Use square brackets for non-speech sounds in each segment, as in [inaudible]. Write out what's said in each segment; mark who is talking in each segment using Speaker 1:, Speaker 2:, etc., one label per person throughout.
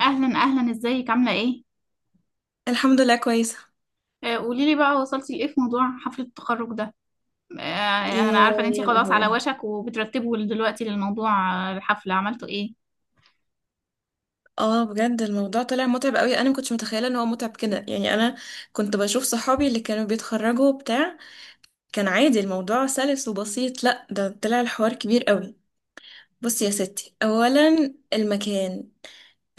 Speaker 1: اهلا اهلا، ازيك؟ عامله ايه؟
Speaker 2: الحمد لله كويسة،
Speaker 1: قولي لي بقى، وصلتي لايه في موضوع حفله التخرج ده؟ آه،
Speaker 2: يا
Speaker 1: انا عارفه ان انتي
Speaker 2: يا
Speaker 1: خلاص على
Speaker 2: لهوي.
Speaker 1: وشك وبترتبوا دلوقتي للموضوع، الحفله عملتوا ايه؟
Speaker 2: اه، بجد الموضوع طلع متعب قوي. انا ما كنتش متخيله ان هو متعب كده. يعني انا كنت بشوف صحابي اللي كانوا بيتخرجوا بتاع، كان عادي الموضوع سلس وبسيط. لا ده طلع الحوار كبير قوي. بصي يا ستي، اولا المكان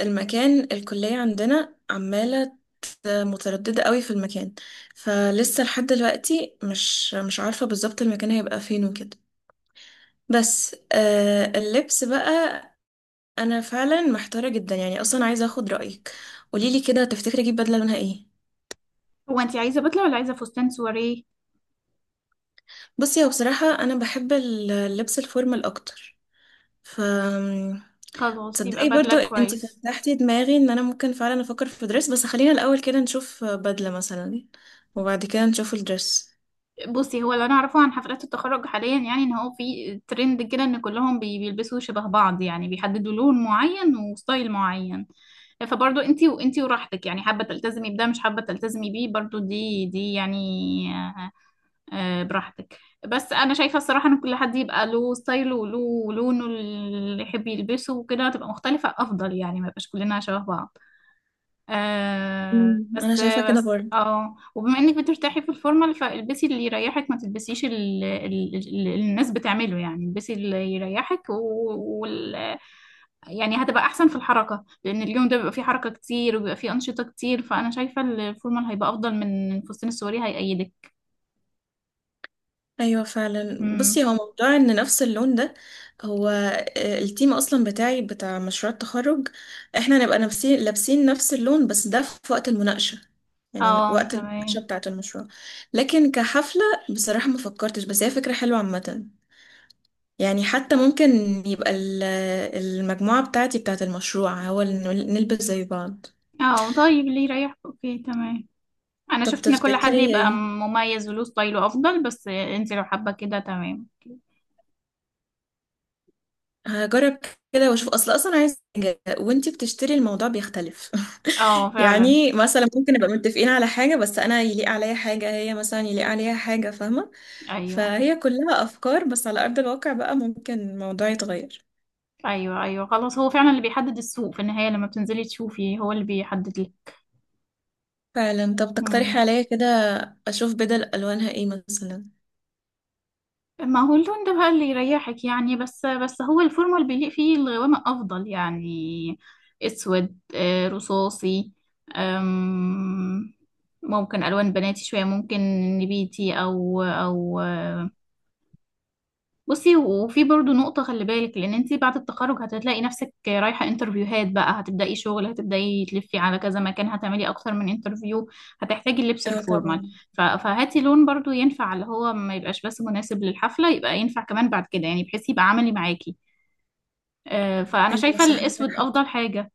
Speaker 2: المكان الكليه عندنا عماله متردده قوي في المكان. فلسه لحد دلوقتي مش عارفه بالظبط المكان هيبقى فين وكده. بس آه، اللبس بقى انا فعلا محتاره جدا. يعني اصلا عايزه اخد رايك. قوليلي كده، تفتكري اجيب بدله لونها ايه؟
Speaker 1: هو انتي عايزه بدله ولا عايزه فستان سواريه؟
Speaker 2: بصي هو بصراحه انا بحب اللبس الفورمال اكتر. ف
Speaker 1: خلاص يبقى
Speaker 2: تصدقي
Speaker 1: بدله
Speaker 2: برضو انت
Speaker 1: كويس.
Speaker 2: فتحتي دماغي ان انا ممكن فعلا افكر في دريس، بس خلينا الاول كده نشوف بدله مثلا، وبعد كده نشوف الدريس.
Speaker 1: بصي، هو اللي انا اعرفه عن حفلات التخرج حاليا يعني ان هو في ترند كده ان كلهم بيلبسوا شبه بعض، يعني بيحددوا لون معين وستايل معين. فبرضو انتي، وانتي وراحتك يعني، حابه تلتزمي بده، مش حابه تلتزمي بيه برضو، دي يعني. براحتك. بس انا شايفه الصراحه ان كل حد يبقى له ستايله وله ولونه اللي يحب يلبسه وكده، تبقى مختلفه افضل يعني، ما يبقاش كلنا شبه بعض. آه.
Speaker 2: انا
Speaker 1: بس
Speaker 2: شايفه كده
Speaker 1: بس
Speaker 2: برضو.
Speaker 1: اه وبما انك بترتاحي في الفورمال، فالبسي اللي يريحك، ما تلبسيش اللي الناس بتعمله يعني، البسي اللي يريحك وال، يعني هتبقى احسن في الحركه، لان اليوم ده بيبقى فيه حركه كتير وبيبقى فيه انشطه كتير، فانا شايفه الفورمال هيبقى افضل من الفستان السوري هيأيدك.
Speaker 2: ايوه فعلا. بصي
Speaker 1: امم.
Speaker 2: هو موضوع ان نفس اللون ده، هو التيم اصلا بتاعي بتاع مشروع التخرج، احنا نبقى نفسي لابسين نفس اللون، بس ده في وقت المناقشه، يعني
Speaker 1: اه،
Speaker 2: وقت المناقشه
Speaker 1: تمام.
Speaker 2: بتاعه المشروع. لكن كحفله، بصراحه ما فكرتش، بس هي فكره حلوه عامه. يعني حتى ممكن يبقى ال- المجموعه بتاعتي بتاعه المشروع هو اللي نلبس زي بعض.
Speaker 1: اه طيب، اللي يريحك، اوكي تمام. انا
Speaker 2: طب
Speaker 1: شفت ان كل حد
Speaker 2: تفتكري،
Speaker 1: يبقى مميز وله ستايله افضل، بس انت لو حابه كده تمام.
Speaker 2: هجرب كده واشوف، اصلا عايز حاجة، وانتي بتشتري الموضوع بيختلف. [laughs]
Speaker 1: اه فعلا.
Speaker 2: يعني مثلا ممكن نبقى متفقين على حاجة، بس انا يليق عليا حاجة، هي مثلا يليق عليها حاجة، فاهمة؟
Speaker 1: ايوه.
Speaker 2: فهي كلها افكار، بس على ارض الواقع بقى ممكن الموضوع يتغير.
Speaker 1: ايوه خلاص، هو فعلا اللي بيحدد السوق في النهايه، لما بتنزلي تشوفي هو اللي بيحدد لك.
Speaker 2: فعلا. طب تقترحي
Speaker 1: مم.
Speaker 2: عليا كده، اشوف بدل الوانها ايه مثلا.
Speaker 1: ما هو اللون ده بقى اللي يريحك يعني، بس هو الفورمال بيليق فيه الغوامق افضل يعني، اسود، رصاصي، أم، ممكن الوان بناتي شويه، ممكن نبيتي او. بصي، وفي برضو نقطة خلي بالك، لأن انتي بعد التخرج هتلاقي نفسك رايحة انترفيوهات بقى، هتبدأي شغل، هتبدأي تلفي على كذا مكان، هتعملي أكتر من انترفيو، هتحتاجي اللبس
Speaker 2: اه
Speaker 1: الفورمال.
Speaker 2: طبعا.
Speaker 1: فهاتي لون برضو ينفع، اللي هو ما يبقاش بس مناسب للحفلة، يبقى ينفع كمان بعد كده يعني، بحيث يبقى عملي معاكي. فأنا
Speaker 2: ايوه
Speaker 1: شايفة
Speaker 2: صح، عندك
Speaker 1: الأسود
Speaker 2: حق.
Speaker 1: أفضل حاجة.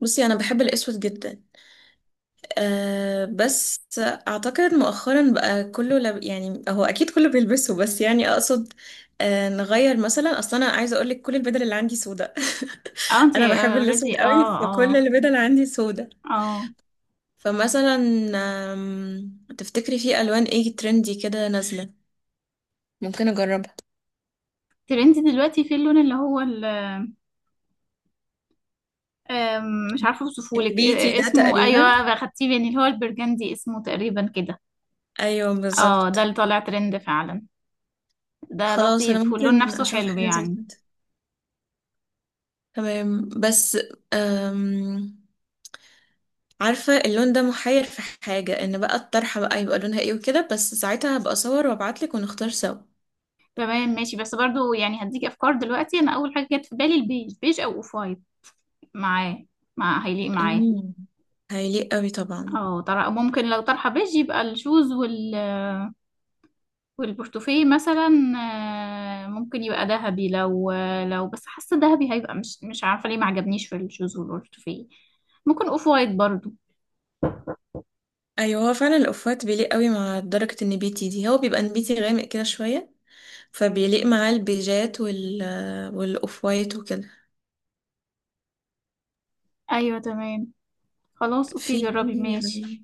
Speaker 2: بصي انا بحب الاسود جدا. أه بس أعتقد مؤخرا بقى يعني هو أكيد كله بيلبسه، بس يعني أقصد أه نغير مثلا. أصلا أنا عايزة أقولك كل البدل اللي عندي سودة.
Speaker 1: اه
Speaker 2: [laughs]
Speaker 1: انتي
Speaker 2: أنا بحب الأسود
Speaker 1: اوريدي،
Speaker 2: قوي،
Speaker 1: اه
Speaker 2: فكل
Speaker 1: اه
Speaker 2: البدل عندي سودة.
Speaker 1: اه.
Speaker 2: فمثلا، تفتكري في ألوان إيه ترندي كده نازلة؟ ممكن اجربها.
Speaker 1: ترندي دلوقتي في اللون اللي هو آم، مش عارفة اوصفهولك،
Speaker 2: البيتي
Speaker 1: إيه
Speaker 2: ده
Speaker 1: اسمه؟ ايوه،
Speaker 2: تقريبا؟
Speaker 1: اخدتيه مني، اللي هو البرجندي اسمه تقريبا كده.
Speaker 2: أيوه
Speaker 1: اه، ده
Speaker 2: بالظبط.
Speaker 1: اللي طالع ترند فعلا. ده
Speaker 2: خلاص أنا
Speaker 1: لطيف واللون
Speaker 2: ممكن
Speaker 1: نفسه
Speaker 2: أشوف
Speaker 1: حلو
Speaker 2: حاجة زي
Speaker 1: يعني.
Speaker 2: كده. تمام. بس أم... عارفة اللون ده محير في حاجة، ان بقى الطرحة بقى يبقى لونها ايه وكده، بس ساعتها هبقى اصور وابعتلك ونختار سوا.
Speaker 1: تمام ماشي، بس برضو يعني هديك افكار دلوقتي، انا اول حاجه جت في بالي البيج، بيج او اوف وايت معاه، مع، هيليق معاه.
Speaker 2: امم هيليق قوي طبعا.
Speaker 1: اه، طرح ممكن، لو طرحه بيج يبقى الشوز وال، والبورتوفيه مثلا ممكن يبقى ذهبي، لو لو بس حاسه ذهبي هيبقى، مش عارفه ليه ما عجبنيش في الشوز والبورتوفيه، ممكن اوف وايت برضو.
Speaker 2: ايوه هو فعلا الاوفات بيليق قوي مع درجة النبيتي دي، هو بيبقى نبيتي غامق كده شوية. فبيليق معاه البيجات والاوف وايت وكده.
Speaker 1: ايوه تمام. خلاص اوكي،
Speaker 2: في
Speaker 1: جربي ماشي.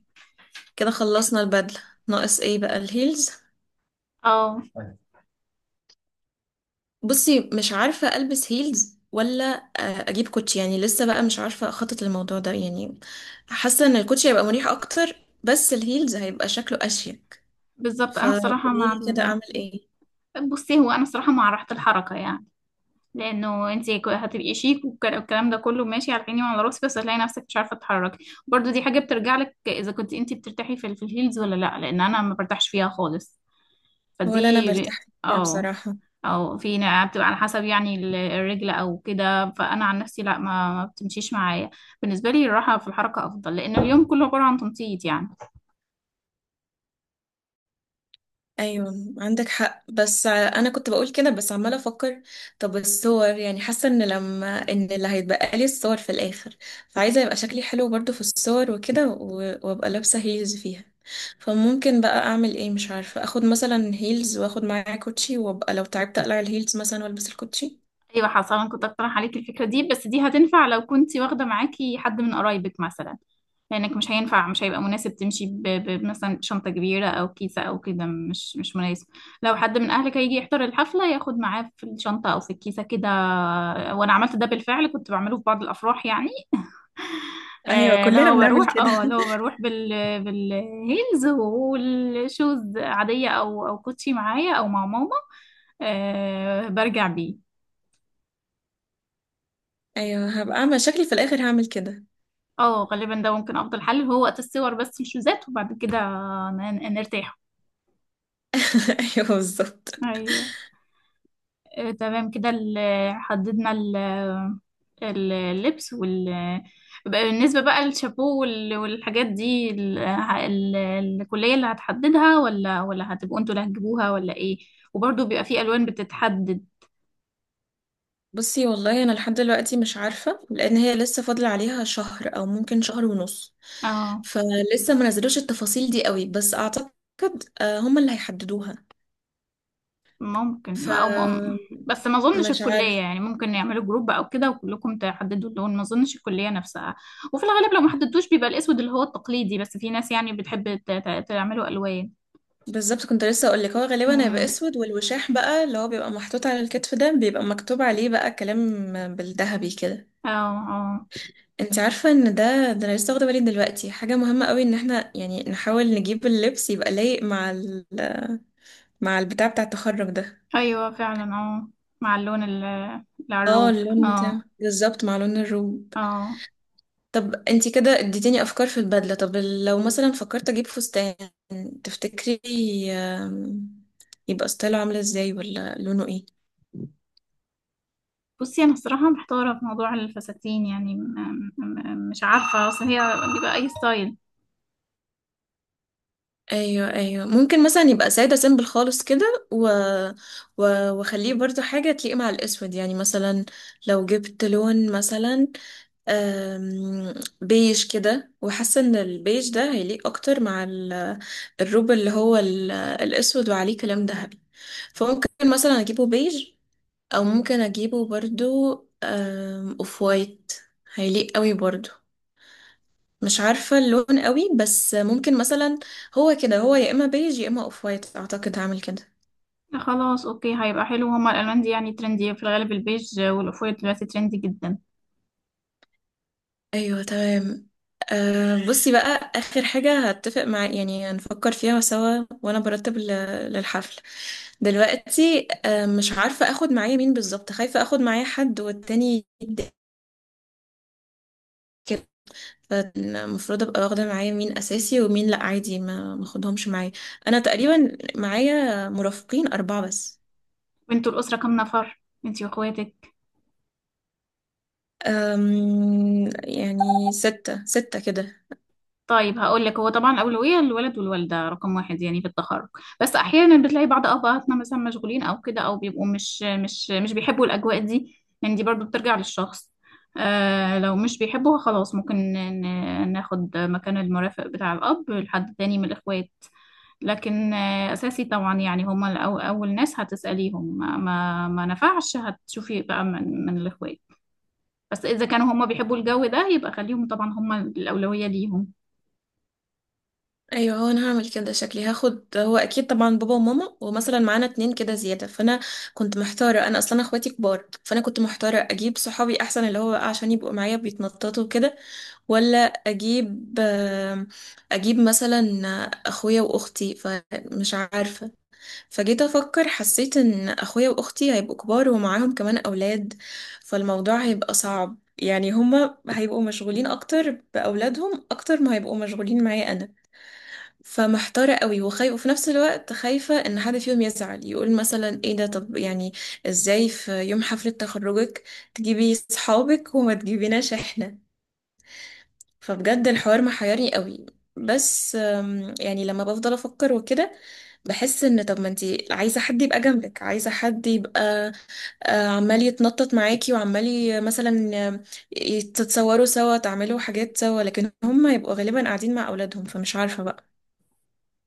Speaker 2: كده خلصنا البدلة، ناقص ايه بقى؟ الهيلز.
Speaker 1: اه طيب.
Speaker 2: بصي مش عارفة ألبس هيلز، ولا أجيب كوتشي؟ يعني لسه بقى مش عارفة أخطط للموضوع ده. يعني حاسة إن الكوتشي هيبقى مريح أكتر، بس الهيلز هيبقى شكله أشيك.
Speaker 1: بالظبط. انا بصراحه مع
Speaker 2: فقوليلي كده،
Speaker 1: ال...
Speaker 2: أعمل إيه؟
Speaker 1: بصي، هو انا بصراحه مع راحه الحركه يعني، لانه انت هتبقي شيك والكلام ده كله ماشي على عيني وعلى راسي، بس هتلاقي نفسك مش عارفه تتحركي. برضو دي حاجه بترجع لك، اذا كنت انت بترتاحي في الهيلز ولا لا، لان انا ما برتاحش فيها خالص.
Speaker 2: ولا أنا
Speaker 1: فدي ب...
Speaker 2: برتاح فيها
Speaker 1: اه،
Speaker 2: بصراحة.
Speaker 1: او في نقع بتبقى على حسب يعني الرجل او كده، فانا عن نفسي لا، ما بتمشيش معايا. بالنسبه لي الراحه في الحركه افضل، لان اليوم كله عباره عن تنطيط يعني.
Speaker 2: ايوه عندك حق، بس انا كنت بقول كده بس عماله افكر. طب الصور، يعني حاسه ان لما ان اللي هيتبقى لي الصور في الاخر، فعايزه يبقى شكلي حلو برضو في الصور وكده، وابقى لابسه هيلز فيها. فممكن بقى اعمل ايه؟ مش عارفه. اخد مثلا هيلز واخد معايا كوتشي، وابقى لو تعبت اقلع الهيلز مثلا والبس الكوتشي.
Speaker 1: ايوه حصل، انا كنت اقترح عليك الفكره دي، بس دي هتنفع لو كنت واخده معاكي حد من قرايبك مثلا، لانك مش هينفع، مش هيبقى مناسب تمشي مثلا شنطه كبيره او كيسه او كده، مش مناسب. لو حد من اهلك هيجي يحضر الحفله ياخد معاه في الشنطه او في الكيسه كده. وانا عملت ده بالفعل، كنت بعمله في بعض الافراح يعني،
Speaker 2: ايوه كلنا بنعمل كده.
Speaker 1: اللي هو
Speaker 2: [laughs]
Speaker 1: بروح بال، بالهيلز، والشوز عادية او كوتشي معايا او مع ماما، آه برجع بيه.
Speaker 2: ايوه هبقى اعمل شكلي في الاخر، هعمل كده.
Speaker 1: اه غالبا ده ممكن افضل حل، هو وقت الصور بس الشوزات، وبعد كده نرتاح.
Speaker 2: [laughs] ايوه بالظبط.
Speaker 1: ايوه. تمام كده، حددنا اللبس وال، بقى بالنسبة بقى للشابو والحاجات دي، الكلية اللي هتحددها ولا هتبقوا انتوا اللي هتجيبوها ولا ايه؟ وبرضه بيبقى في ألوان بتتحدد.
Speaker 2: بصي والله انا لحد دلوقتي مش عارفه، لان هي لسه فاضل عليها شهر او ممكن شهر ونص.
Speaker 1: اه
Speaker 2: فلسه ما نزلوش التفاصيل دي قوي، بس اعتقد هم اللي هيحددوها.
Speaker 1: ممكن، أو م...
Speaker 2: فمش
Speaker 1: بس ما اظنش الكلية
Speaker 2: عارفه
Speaker 1: يعني، ممكن يعملوا جروب او كده وكلكم تحددوا اللون، ما اظنش الكلية نفسها. وفي الغالب لو ما حددتوش بيبقى الاسود اللي هو التقليدي، بس في ناس يعني بتحب تعملوا ألوان.
Speaker 2: بالظبط. كنت لسه اقول لك هو غالبا هيبقى
Speaker 1: امم.
Speaker 2: اسود، والوشاح بقى اللي هو بيبقى محطوط على الكتف ده بيبقى مكتوب عليه بقى كلام بالذهبي كده.
Speaker 1: اه. آه.
Speaker 2: انت عارفه ان ده انا لسه واخده بالي دلوقتي، حاجه مهمه قوي، ان احنا يعني نحاول نجيب اللبس يبقى لايق مع ال... مع البتاع بتاع التخرج ده.
Speaker 1: ايوه فعلا، اه، مع اللون
Speaker 2: اه
Speaker 1: العروب،
Speaker 2: اللون بتاعه
Speaker 1: اه.
Speaker 2: بالظبط مع لون الروب.
Speaker 1: اه.
Speaker 2: طب انتي كده اديتيني افكار في البدله. طب لو مثلا فكرت اجيب فستان، تفتكري آم، يبقى ستايله عامل ازاي ولا لونه ايه؟
Speaker 1: بصي انا الصراحه محتاره في موضوع الفساتين يعني، مش عارفه، اصل هي بيبقى اي ستايل.
Speaker 2: ايوه ايوه ممكن مثلا يبقى ساده سيمبل خالص كده، و... و... واخليه برضو حاجه تليق مع الاسود. يعني مثلا لو جبت لون مثلا آم، بيج كده، وحاسه ان البيج ده هيليق اكتر مع الروب اللي هو الاسود وعليه كلام ذهبي. فممكن مثلا اجيبه بيج، او ممكن اجيبه برضو اوف وايت، هيليق قوي برضو. مش عارفه اللون قوي، بس ممكن مثلا هو كده، هو يا اما بيج يا اما اوف وايت، اعتقد هعمل كده.
Speaker 1: خلاص اوكي، هيبقى حلو هما الالوان دي يعني، ترندي في الغالب، البيج والاوف وايت دلوقتي ترندي جدا.
Speaker 2: ايوه تمام. أه بصي بقى اخر حاجه هتفق مع، يعني هنفكر فيها سوا، وانا برتب للحفل. دلوقتي أه مش عارفه اخد معايا مين بالظبط، خايفه اخد معايا حد والتاني يتضايق كده. فالمفروض ابقى واخده معايا مين اساسي ومين لا عادي ما ماخدهمش معايا. انا تقريبا معايا مرافقين اربعه بس.
Speaker 1: وانتوا الاسره كام نفر؟ انتي واخواتك.
Speaker 2: أم يعني ستة ستة كده.
Speaker 1: طيب هقول لك، هو طبعا أولوية للولد والوالدة رقم واحد يعني في التخرج. بس أحيانا بتلاقي بعض أبهاتنا مثلا مشغولين أو كده، أو بيبقوا مش بيحبوا الأجواء دي يعني، دي برضو بترجع للشخص. آه لو مش بيحبوها خلاص، ممكن ناخد مكان المرافق بتاع الأب لحد تاني من الإخوات. لكن آه أساسي طبعا يعني، هما أول ناس هتسأليهم، ما نفعش هتشوفي بقى من، من الإخوات. بس إذا كانوا هما بيحبوا الجو ده، يبقى خليهم طبعا، هما الأولوية ليهم.
Speaker 2: ايوه هو انا هعمل كده، شكلي هاخد، هو اكيد طبعا بابا وماما ومثلا معانا اتنين كده زياده. فانا كنت محتاره، انا اصلا أنا اخواتي كبار، فانا كنت محتاره اجيب صحابي احسن، اللي هو عشان يبقوا معايا بيتنططوا كده، ولا اجيب اجيب مثلا اخويا واختي، فمش عارفه. فجيت افكر، حسيت ان اخويا واختي هيبقوا كبار ومعاهم كمان اولاد، فالموضوع هيبقى صعب. يعني هما هيبقوا مشغولين اكتر باولادهم اكتر ما هيبقوا مشغولين معايا انا. فمحتارة قوي وخايفة، وفي نفس الوقت خايفة ان حد فيهم يزعل، يقول مثلا ايه ده؟ طب يعني ازاي في يوم حفلة تخرجك تجيبي صحابك وما تجيبيناش احنا؟ فبجد الحوار محيرني قوي. بس يعني لما بفضل افكر وكده، بحس ان، طب ما انتي عايزة حد يبقى جنبك، عايزة حد يبقى عمال يتنطط معاكي، وعمال مثلا تتصوروا سوا، تعملوا حاجات سوا، لكن هم يبقوا غالبا قاعدين مع اولادهم، فمش عارفة بقى.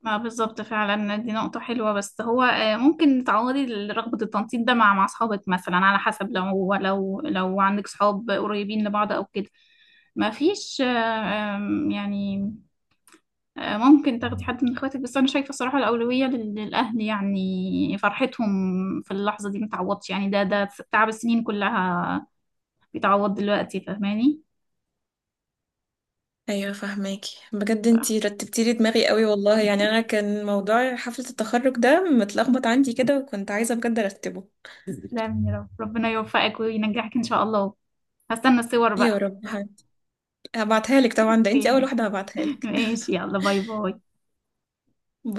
Speaker 1: ما بالظبط، فعلا دي نقطة حلوة، بس هو ممكن تعوضي رغبة التنطيط ده مع، مع أصحابك مثلا، على حسب لو عندك صحاب قريبين لبعض أو كده. ما فيش آه، آم، يعني، ممكن تاخدي حد من اخواتك، بس أنا شايفة صراحة الأولوية للأهل، يعني فرحتهم في اللحظة دي متعوضش يعني، ده تعب السنين كلها بيتعوض دلوقتي، فاهماني؟
Speaker 2: ايوه فهماكي بجد،
Speaker 1: ف-
Speaker 2: انتي رتبتي لي دماغي قوي والله. يعني انا
Speaker 1: [laughs]
Speaker 2: كان موضوع حفلة التخرج ده متلخبط عندي كده، وكنت عايزة بجد ارتبه. [laughs]
Speaker 1: تسلمي يا رب، ربنا يوفقك وينجحك إن شاء الله. هستنى الصور
Speaker 2: يا
Speaker 1: بقى.
Speaker 2: رب، هبعتها لك طبعا، ده انتي اول
Speaker 1: اوكي
Speaker 2: واحدة هبعتها
Speaker 1: [laughs]
Speaker 2: لك.
Speaker 1: ماشي، يلا باي باي.
Speaker 2: [laughs]